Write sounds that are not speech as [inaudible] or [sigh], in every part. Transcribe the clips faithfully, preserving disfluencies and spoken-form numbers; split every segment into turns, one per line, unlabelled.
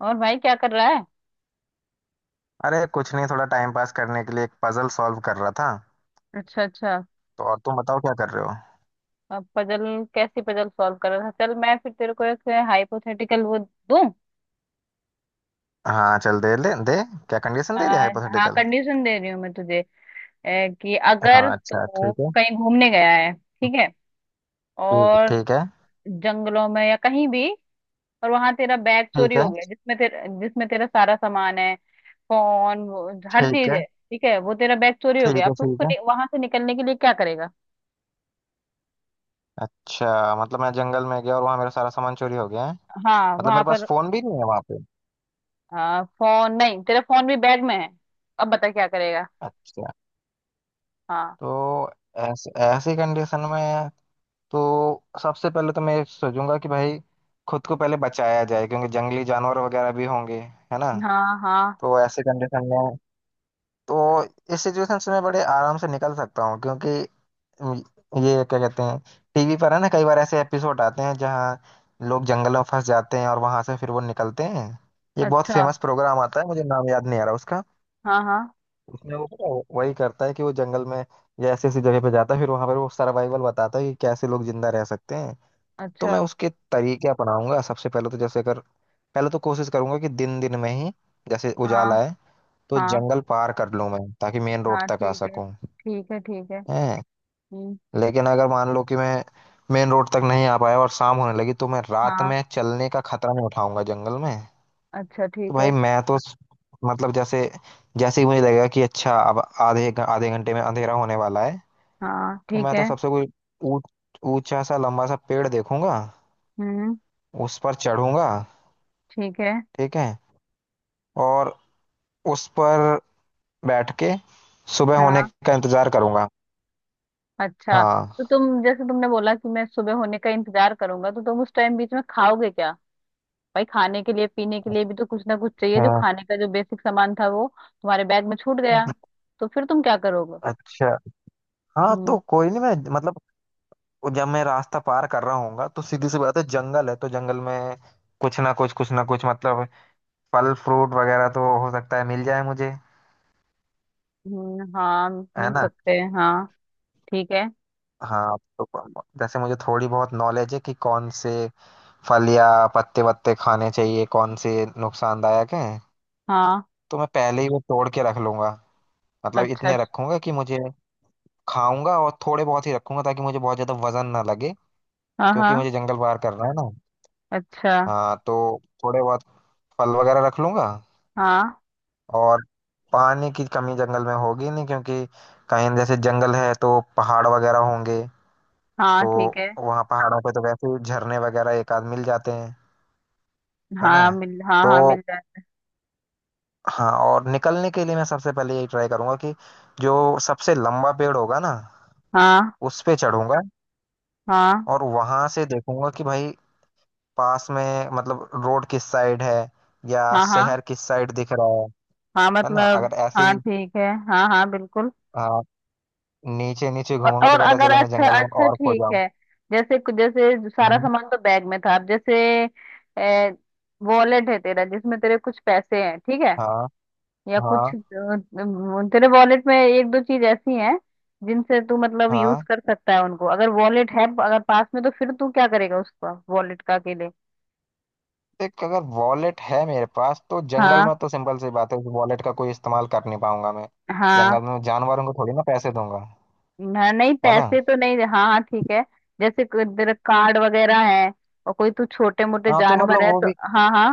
और भाई क्या कर रहा है?
अरे कुछ नहीं, थोड़ा टाइम पास करने के लिए एक पजल सॉल्व कर रहा था।
अच्छा, अच्छा।
तो और तुम बताओ क्या कर रहे हो।
अब पजल। कैसी पजल सॉल्व कर रहा था? चल मैं फिर तेरे को एक हाइपोथेटिकल वो दूं।
हाँ, चल दे दे दे। क्या कंडीशन
आ,
दे रही है
हाँ,
हाइपोथेटिकल।
कंडीशन दे रही हूँ मैं तुझे। ए, कि अगर
हाँ, अच्छा,
तू
ठीक है।
कहीं घूमने गया है, ठीक है।
ठीक
और
ठीक है।
जंगलों में या कहीं भी। और वहां तेरा बैग चोरी
ठीक है।
हो गया, जिसमें तेरा जिसमें तेरा सारा सामान है। फोन वो, हर
ठीक
चीज
है।
है। ठीक है, वो तेरा बैग चोरी
ठीक
हो गया। अब
है।
तू
ठीक है।
उसको वहां से निकलने के लिए क्या करेगा?
अच्छा, मतलब मैं जंगल में गया और वहाँ मेरा सारा सामान चोरी हो गया है।
हाँ,
मतलब
वहां
मेरे पास
पर।
फोन भी नहीं है वहाँ पे।
हाँ, फोन नहीं, तेरा फोन भी बैग में है। अब बता, क्या करेगा?
अच्छा।
हाँ,
तो ऐसे ऐसी कंडीशन में, तो सबसे पहले तो मैं सोचूंगा कि भाई खुद को पहले बचाया जाए, क्योंकि जंगली जानवर वगैरह भी होंगे, है ना।
हाँ। हाँ,
तो ऐसे कंडीशन में, तो इस सिचुएशन से मैं बड़े आराम से निकल सकता हूँ, क्योंकि ये क्या कहते हैं, टीवी पर है ना, कई बार ऐसे एपिसोड आते हैं जहाँ लोग जंगल में फंस जाते हैं और वहां से फिर वो निकलते हैं। एक बहुत
अच्छा।
फेमस प्रोग्राम आता है, मुझे नाम याद नहीं आ रहा उसका।
हाँ, हाँ।
उसमें वो, पता है, वही करता है कि वो जंगल में या ऐसी ऐसी जगह पे जाता है, फिर वहां पर वो सर्वाइवल बताता है कि कैसे लोग जिंदा रह सकते हैं। तो
अच्छा।
मैं उसके तरीके अपनाऊंगा। सबसे पहले तो, जैसे अगर पहले तो कोशिश करूंगा कि दिन दिन में ही, जैसे
हाँ,
उजाला है, तो
हाँ,
जंगल पार कर लूं मैं, ताकि मेन रोड
हाँ।
तक आ
ठीक है।
सकूं।
ठीक है, ठीक है।
है।
हम्म।
लेकिन अगर मान लो कि मैं मेन रोड तक नहीं आ पाया और शाम होने लगी, तो मैं रात
हाँ।
में चलने का खतरा नहीं उठाऊंगा जंगल में।
अच्छा,
तो
ठीक है।
भाई मैं तो स- मतलब, जैसे जैसे ही मुझे लगेगा कि अच्छा, अब आधे घ- आधे घंटे में अंधेरा होने वाला है,
हाँ,
तो
ठीक
मैं
है।
तो सबसे कोई ऊ- ऊंचा सा लंबा सा पेड़ देखूंगा।
हम्म।
उस पर चढ़ूंगा।
ठीक है।
ठीक है। और उस पर बैठ के सुबह
हाँ।
होने का इंतजार करूंगा।
अच्छा, तो
हाँ,
तुम, जैसे तुमने बोला कि मैं सुबह होने का इंतजार करूंगा, तो तुम उस टाइम बीच में खाओगे क्या? भाई, खाने के लिए पीने के लिए भी तो कुछ ना कुछ चाहिए। जो
हाँ।
खाने का जो बेसिक सामान था, वो तुम्हारे बैग में छूट गया। तो फिर तुम क्या करोगे?
अच्छा। हाँ,
हम्म।
तो कोई नहीं, मैं मतलब, और जब मैं रास्ता पार कर रहा हूँ, तो सीधी सी बात है, जंगल है तो जंगल में कुछ ना कुछ कुछ ना कुछ, मतलब फल फ्रूट वगैरह तो हो सकता है मिल जाए मुझे,
हम्म। हाँ,
है
मिल
ना।
सकते हैं, हाँ। ठीक है।
हाँ, तो प- जैसे मुझे थोड़ी बहुत नॉलेज है कि कौन से फल या पत्ते वत्ते खाने चाहिए, कौन से नुकसानदायक हैं।
हाँ,
तो मैं पहले ही वो तोड़ के रख लूंगा। मतलब
अच्छा।
इतने रखूंगा कि मुझे खाऊंगा, और थोड़े बहुत ही रखूंगा ताकि मुझे बहुत ज्यादा वजन ना लगे।
हाँ, हाँ।
क्योंकि मुझे जंगल पार करना है ना।
अच्छा।
हाँ, तो थोड़े बहुत फल वगैरह रख लूंगा।
हाँ,
और पानी की कमी जंगल में होगी नहीं, क्योंकि कहीं जैसे जंगल है तो पहाड़ वगैरह होंगे।
हाँ,
तो
ठीक है।
वहाँ पहाड़ों पे तो वैसे ही झरने वगैरह एक आध मिल जाते हैं, है ना।
हाँ मिल, हाँ
तो
हाँ मिल जाए।
हाँ, और निकलने के लिए मैं सबसे पहले यही ट्राई करूंगा कि जो सबसे लंबा पेड़ होगा ना,
हाँ।
उस पे चढ़ूंगा।
हाँ,
और वहां से देखूंगा कि भाई, पास में मतलब रोड किस साइड है या
हाँ। हाँ,
शहर किस साइड दिख रहा है।
हाँ
है ना,
मतलब।
अगर ऐसे ही,
हाँ, ठीक है, हाँ हाँ, बिल्कुल।
हाँ, नीचे नीचे
और,
घूमूंगा तो
और
पता
अगर,
चले मैं
अच्छा
जंगल में
अच्छा
और खो
ठीक है। जैसे, जैसे सारा
जाऊं।
सामान तो बैग में था, अब जैसे वॉलेट है तेरा, जिसमें तेरे कुछ पैसे हैं, ठीक है।
हाँ,
या
हाँ,
कुछ अ, अम, तेरे वॉलेट में एक दो चीज ऐसी हैं जिनसे तू मतलब यूज
हाँ।
कर सकता है उनको। अगर वॉलेट है, अगर पास में, तो फिर तू क्या करेगा उसका, वॉलेट का के लिए?
देख, अगर वॉलेट है मेरे पास तो जंगल में
हाँ।
तो सिंपल सी बात है, उस वॉलेट का कोई इस्तेमाल कर नहीं पाऊंगा मैं।
हाँ।
जंगल में जानवरों को थोड़ी ना पैसे दूंगा,
न- नहीं,
है ना।
पैसे तो नहीं, हाँ हाँ ठीक है। जैसे कोई तेरा कार्ड वगैरह है, और कोई तू छोटे मोटे
हाँ, तो
जानवर
मतलब
है
वो
तो।
भी,
हाँ, हाँ।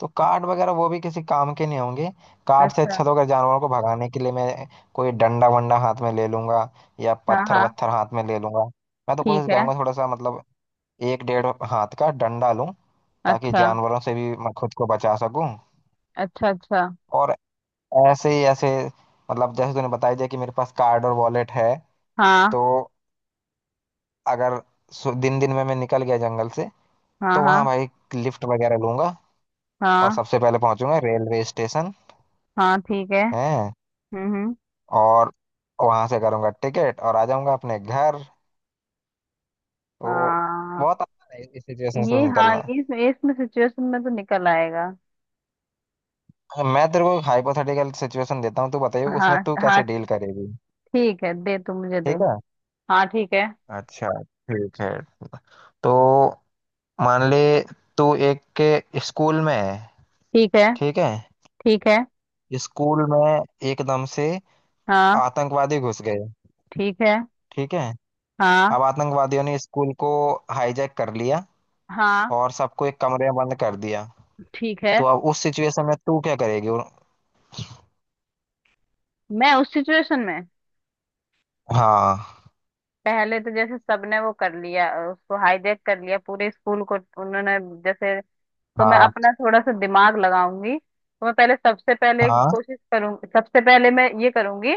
तो कार्ड वगैरह वो भी किसी काम के नहीं होंगे। कार्ड से
अच्छा।
अच्छा तो, अगर जानवरों को भगाने के लिए मैं कोई डंडा वंडा हाथ में ले लूंगा या
हाँ,
पत्थर
हाँ।
वत्थर हाथ में ले लूंगा। मैं तो
ठीक
कोशिश
है।
करूंगा, थोड़ा सा मतलब, एक डेढ़ हाथ का डंडा लूं, ताकि
अच्छा,
जानवरों से भी मैं खुद को बचा सकूं।
अच्छा। अच्छा।
और ऐसे ही ऐसे, मतलब जैसे तूने बताई दिया कि मेरे पास कार्ड और वॉलेट है।
हाँ।
तो अगर दिन दिन में मैं निकल गया जंगल से,
हाँ।
तो
हाँ,
वहां भाई लिफ्ट वगैरह लूंगा, और
हाँ।
सबसे पहले पहुंचूंगा रेलवे स्टेशन।
हाँ, ठीक है।
है।
हम्म, हम्म।
और वहां से करूंगा टिकट और आ जाऊंगा अपने घर। तो
हाँ।
बहुत आसान है इस सिचुएशन से
ये, हाँ,
निकलना।
ये ये इसमें सिचुएशन में तो निकल आएगा।
मैं तेरे को हाइपोथेटिकल सिचुएशन देता हूँ, तू बताइए
हाँ।
उसमें तू
हाँ,
कैसे डील करेगी।
ठीक है, दे, तू मुझे दे।
ठीक है।
हाँ, ठीक है।
अच्छा। ठीक है। तो मान ले, तू एक के स्कूल में है।
ठीक है।
ठीक है।
ठीक है।
स्कूल में एकदम से
हाँ।
आतंकवादी घुस गए।
ठीक है।
ठीक है।
हाँ।
अब आतंकवादियों ने स्कूल को हाईजैक कर लिया,
हाँ।
और सबको एक कमरे में बंद कर दिया।
ठीक है।
तो अब उस सिचुएशन में तू क्या करेगी, और-
मैं उस सिचुएशन में,
हाँ,
पहले तो जैसे सबने वो कर लिया, उसको हाईजैक कर लिया, पूरे स्कूल को उन्होंने, जैसे, तो मैं
हाँ,
अपना थोड़ा सा दिमाग लगाऊंगी। तो मैं पहले, सबसे पहले
हाँ,
कोशिश करूंगी, सबसे पहले मैं ये करूंगी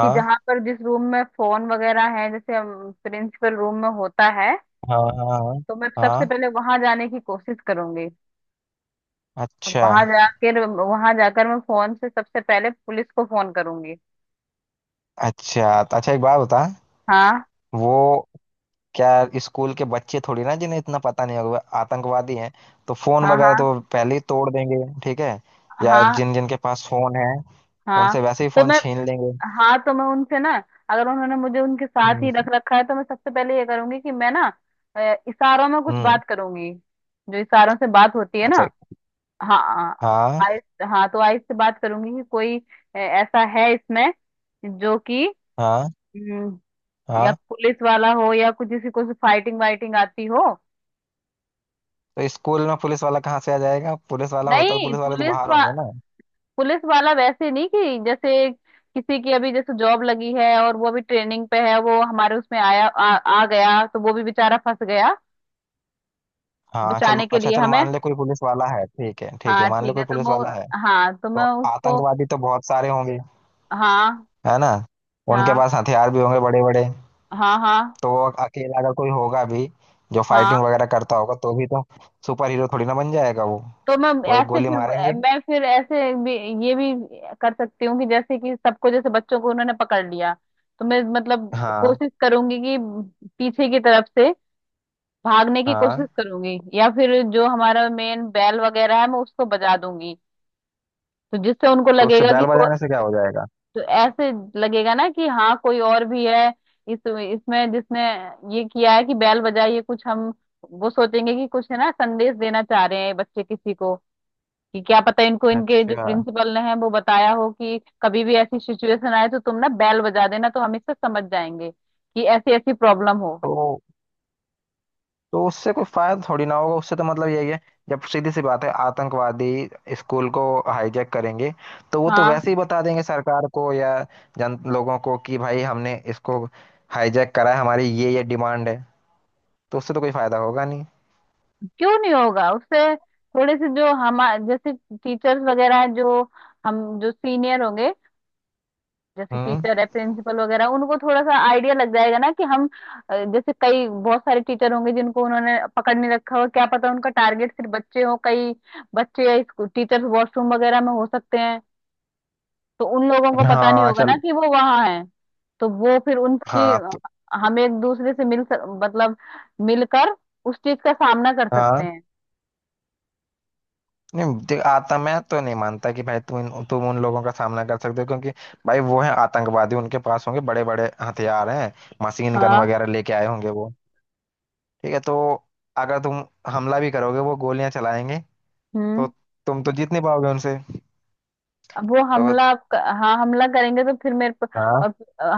कि जहां पर जिस रूम में फोन वगैरह है, जैसे प्रिंसिपल रूम में होता है,
हाँ, हाँ,
तो मैं सबसे
हाँ।
पहले वहां जाने की कोशिश करूंगी। और
अच्छा,
वहां जाकर, वहां जाकर मैं फोन से सबसे पहले पुलिस को फोन करूंगी।
अच्छा। तो अच्छा, एक बात बता।
हाँ,
वो, क्या स्कूल के बच्चे थोड़ी ना, जिन्हें इतना पता नहीं होगा आतंकवादी हैं, तो फोन
हाँ।
वगैरह
हाँ।
तो पहले ही तोड़ देंगे। ठीक है। या
हाँ।
जिन जिन के पास फोन है,
हाँ।
उनसे वैसे ही
तो
फोन
मैं,
छीन लेंगे।
हाँ तो मैं उनसे ना, अगर उन्होंने मुझे उनके साथ ही रख
हम्म,
रखा है, तो मैं सबसे पहले ये करूंगी कि मैं ना अ, इशारों में कुछ
हम्म।
बात करूंगी, जो इशारों से बात होती है ना।
अच्छा।
हाँ।
हाँ,
आइस, हाँ तो आइस से बात करूंगी कि कोई अ, ऐसा है इसमें जो कि,
हाँ,
या
हाँ।
पुलिस वाला हो या कुछ किसी को फाइटिंग वाइटिंग आती हो।
तो स्कूल में पुलिस वाला कहाँ से आ जाएगा, पुलिस वाला होता तो
नहीं
पुलिस वाले तो
पुलिस
बाहर
वा,
होंगे ना।
पुलिस वाला, वैसे नहीं कि जैसे किसी की अभी जैसे जॉब लगी है और वो अभी ट्रेनिंग पे है, वो हमारे उसमें आया आ, आ गया, तो वो भी बेचारा फंस गया।
हाँ, चल,
बचाने के
अच्छा,
लिए
चल
हमें।
मान ले कोई पुलिस वाला है, ठीक है, ठीक है,
हाँ,
मान ले
ठीक है,
कोई
तो
पुलिस
वो,
वाला है।
हाँ तो मैं
तो
उसको।
आतंकवादी तो बहुत सारे होंगे,
हाँ,
है ना। उनके
हाँ।
पास हथियार भी होंगे बड़े बड़े।
हाँ, हाँ।
तो वो अकेला अगर कोई होगा भी, जो फाइटिंग
हाँ,
वगैरह करता होगा, तो भी तो सुपर हीरो थोड़ी ना बन जाएगा वो।
तो मैं
वो एक
ऐसे
गोली
फिर,
मारेंगे।
मैं फिर ऐसे भी ये भी कर सकती हूँ कि जैसे कि सबको, जैसे बच्चों को उन्होंने पकड़ लिया, तो मैं मतलब
हाँ,
कोशिश करूंगी कि पीछे की तरफ से भागने की कोशिश
हाँ।
करूंगी, या फिर जो हमारा मेन बैल वगैरह है, मैं उसको बजा दूंगी। तो जिससे उनको
तो उससे
लगेगा कि
बैल
को,
बजाने से क्या हो जाएगा।
तो ऐसे लगेगा ना कि हाँ कोई और भी है इस, इसमें जिसने ये किया है कि बैल बजाई। ये कुछ हम, वो सोचेंगे कि कुछ है ना, संदेश देना चाह रहे हैं बच्चे किसी को कि क्या पता इनको, इनके जो
अच्छा।
प्रिंसिपल ने है वो बताया हो कि कभी भी ऐसी सिचुएशन आए तो तुम ना बेल बजा देना, तो हम इससे समझ जाएंगे कि ऐसी ऐसी प्रॉब्लम हो।
तो तो उससे कोई फायदा थोड़ी ना होगा, उससे तो मतलब यही है। जब सीधी सी बात है, आतंकवादी स्कूल को हाईजैक करेंगे, तो वो तो
हाँ।
वैसे ही बता देंगे सरकार को या जन लोगों को कि भाई हमने इसको हाईजैक करा है, हमारी ये ये डिमांड है। तो उससे तो कोई फायदा होगा नहीं।
क्यों नहीं होगा? उससे थोड़े से, जो हम, जैसे टीचर्स वगैरह हैं, जो हम जो सीनियर होंगे, जैसे
हम्म,
टीचर है, प्रिंसिपल वगैरह, उनको थोड़ा सा आइडिया लग जाएगा ना कि हम, अ, जैसे कई बहुत सारे टीचर होंगे जिनको उन्होंने पकड़ नहीं रखा हो। क्या पता उनका टारगेट सिर्फ बच्चे हो। कई बच्चे, टीचर्स वॉशरूम वगैरह में हो सकते हैं, तो उन लोगों को पता नहीं
हाँ,
होगा ना
चल,
कि वो वहां है। तो वो फिर उनके,
हाँ, तो
हम एक दूसरे से मिल सक, मतलब मिलकर उस चीज का सामना कर
हाँ,
सकते हैं।
नहीं देख आता, मैं तो नहीं मानता कि भाई तुम इन- तुम उन लोगों का सामना कर सकते हो, क्योंकि भाई, वो है आतंकवादी, उनके पास होंगे बड़े बड़े हथियार हैं। मशीन गन
हाँ।
वगैरह लेके आए होंगे वो। ठीक है। तो अगर तुम हमला भी करोगे, वो गोलियां चलाएंगे। तो
हम्म।
तुम तो जीत नहीं पाओगे उनसे।
अब वो
तो
हमला क- हाँ, हमला करेंगे तो फिर मेरे प-
हाँ,
और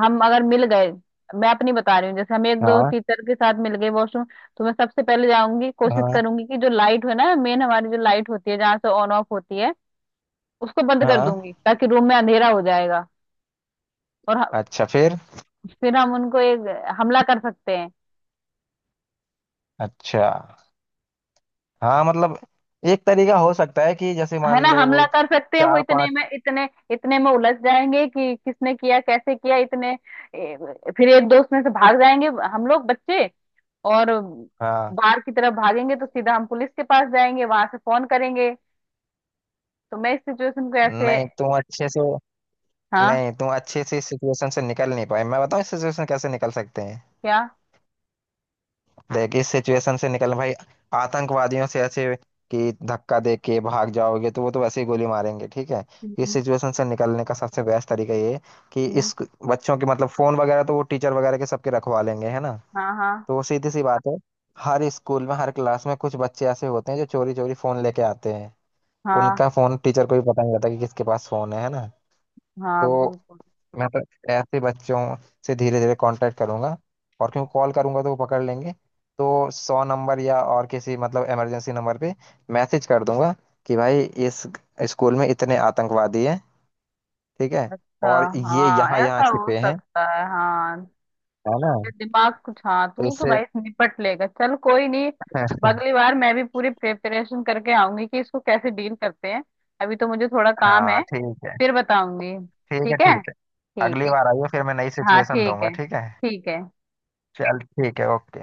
हम अगर मिल गए, मैं अपनी बता रही हूँ, जैसे हम एक दो
हाँ,
टीचर के साथ मिल गए वॉशरूम, तो मैं सबसे पहले जाऊंगी, कोशिश
हाँ,
करूंगी कि जो लाइट है ना, मेन हमारी जो लाइट होती है, जहाँ से ऑन ऑफ होती है, उसको बंद कर
हाँ।
दूंगी, ताकि रूम में अंधेरा हो जाएगा। और ह-
अच्छा, फिर
फिर हम उनको एक हमला कर सकते हैं।
अच्छा, हाँ मतलब, एक तरीका हो सकता है कि जैसे
है ना,
मान ले
हमला
वो
कर सकते हैं। वो
चार
इतने
पांच,
में, इतने इतने में उलझ जाएंगे कि किसने किया, कैसे किया, इतने ए, फिर एक दोस्त में से भाग जाएंगे, हम लोग बच्चे, और
हाँ,
बाहर की तरफ भागेंगे, तो सीधा हम पुलिस के पास जाएंगे, वहां से फोन करेंगे। तो मैं इस सिचुएशन को ऐसे।
नहीं तुम अच्छे से
हाँ।
नहीं, तुम अच्छे से इस सिचुएशन से निकल नहीं पाए। मैं बताऊं इस सिचुएशन कैसे निकल सकते हैं।
क्या?
देख, इस सिचुएशन से निकलना भाई, आतंकवादियों से ऐसे कि धक्का दे के भाग जाओगे, तो वो तो वैसे ही गोली मारेंगे। ठीक है। इस
हम्म।
सिचुएशन से निकलने का सबसे बेस्ट तरीका ये है कि,
हम्म।
इस बच्चों के मतलब फोन वगैरह तो वो टीचर वगैरह के सबके रखवा लेंगे, है ना।
हाँ, हाँ।
तो वो सीधी सी बात है, हर स्कूल में हर क्लास में कुछ बच्चे ऐसे होते हैं जो चोरी चोरी फोन लेके आते हैं।
हाँ,
उनका फोन टीचर को भी पता नहीं रहता कि किसके पास फोन है है ना।
हाँ,
तो
बिल्कुल।
मैं तो ऐसे बच्चों से धीरे धीरे कांटेक्ट करूंगा। और क्यों कॉल करूंगा, तो वो पकड़ लेंगे। तो सौ नंबर या और किसी मतलब इमरजेंसी नंबर पे मैसेज कर दूंगा कि भाई इस स्कूल में इतने आतंकवादी हैं, ठीक है,
अच्छा।
और ये
हाँ,
यहाँ यहाँ
ऐसा हो
छिपे हैं,
सकता है, हाँ।
है ना।
दिमाग कुछ, हाँ,
तो
तू तो
इससे।
भाई निपट लेगा, चल कोई नहीं।
[laughs]
अगली बार मैं भी पूरी प्रिपरेशन करके आऊंगी कि इसको कैसे डील करते हैं। अभी तो मुझे थोड़ा काम
हाँ,
है,
ठीक है,
फिर बताऊंगी।
ठीक है,
ठीक है।
ठीक है।
ठीक
अगली
है।
बार आइए, फिर मैं नई
हाँ,
सिचुएशन
ठीक
दूंगा,
है।
ठीक है।
ठीक है।
चल, ठीक है, ओके।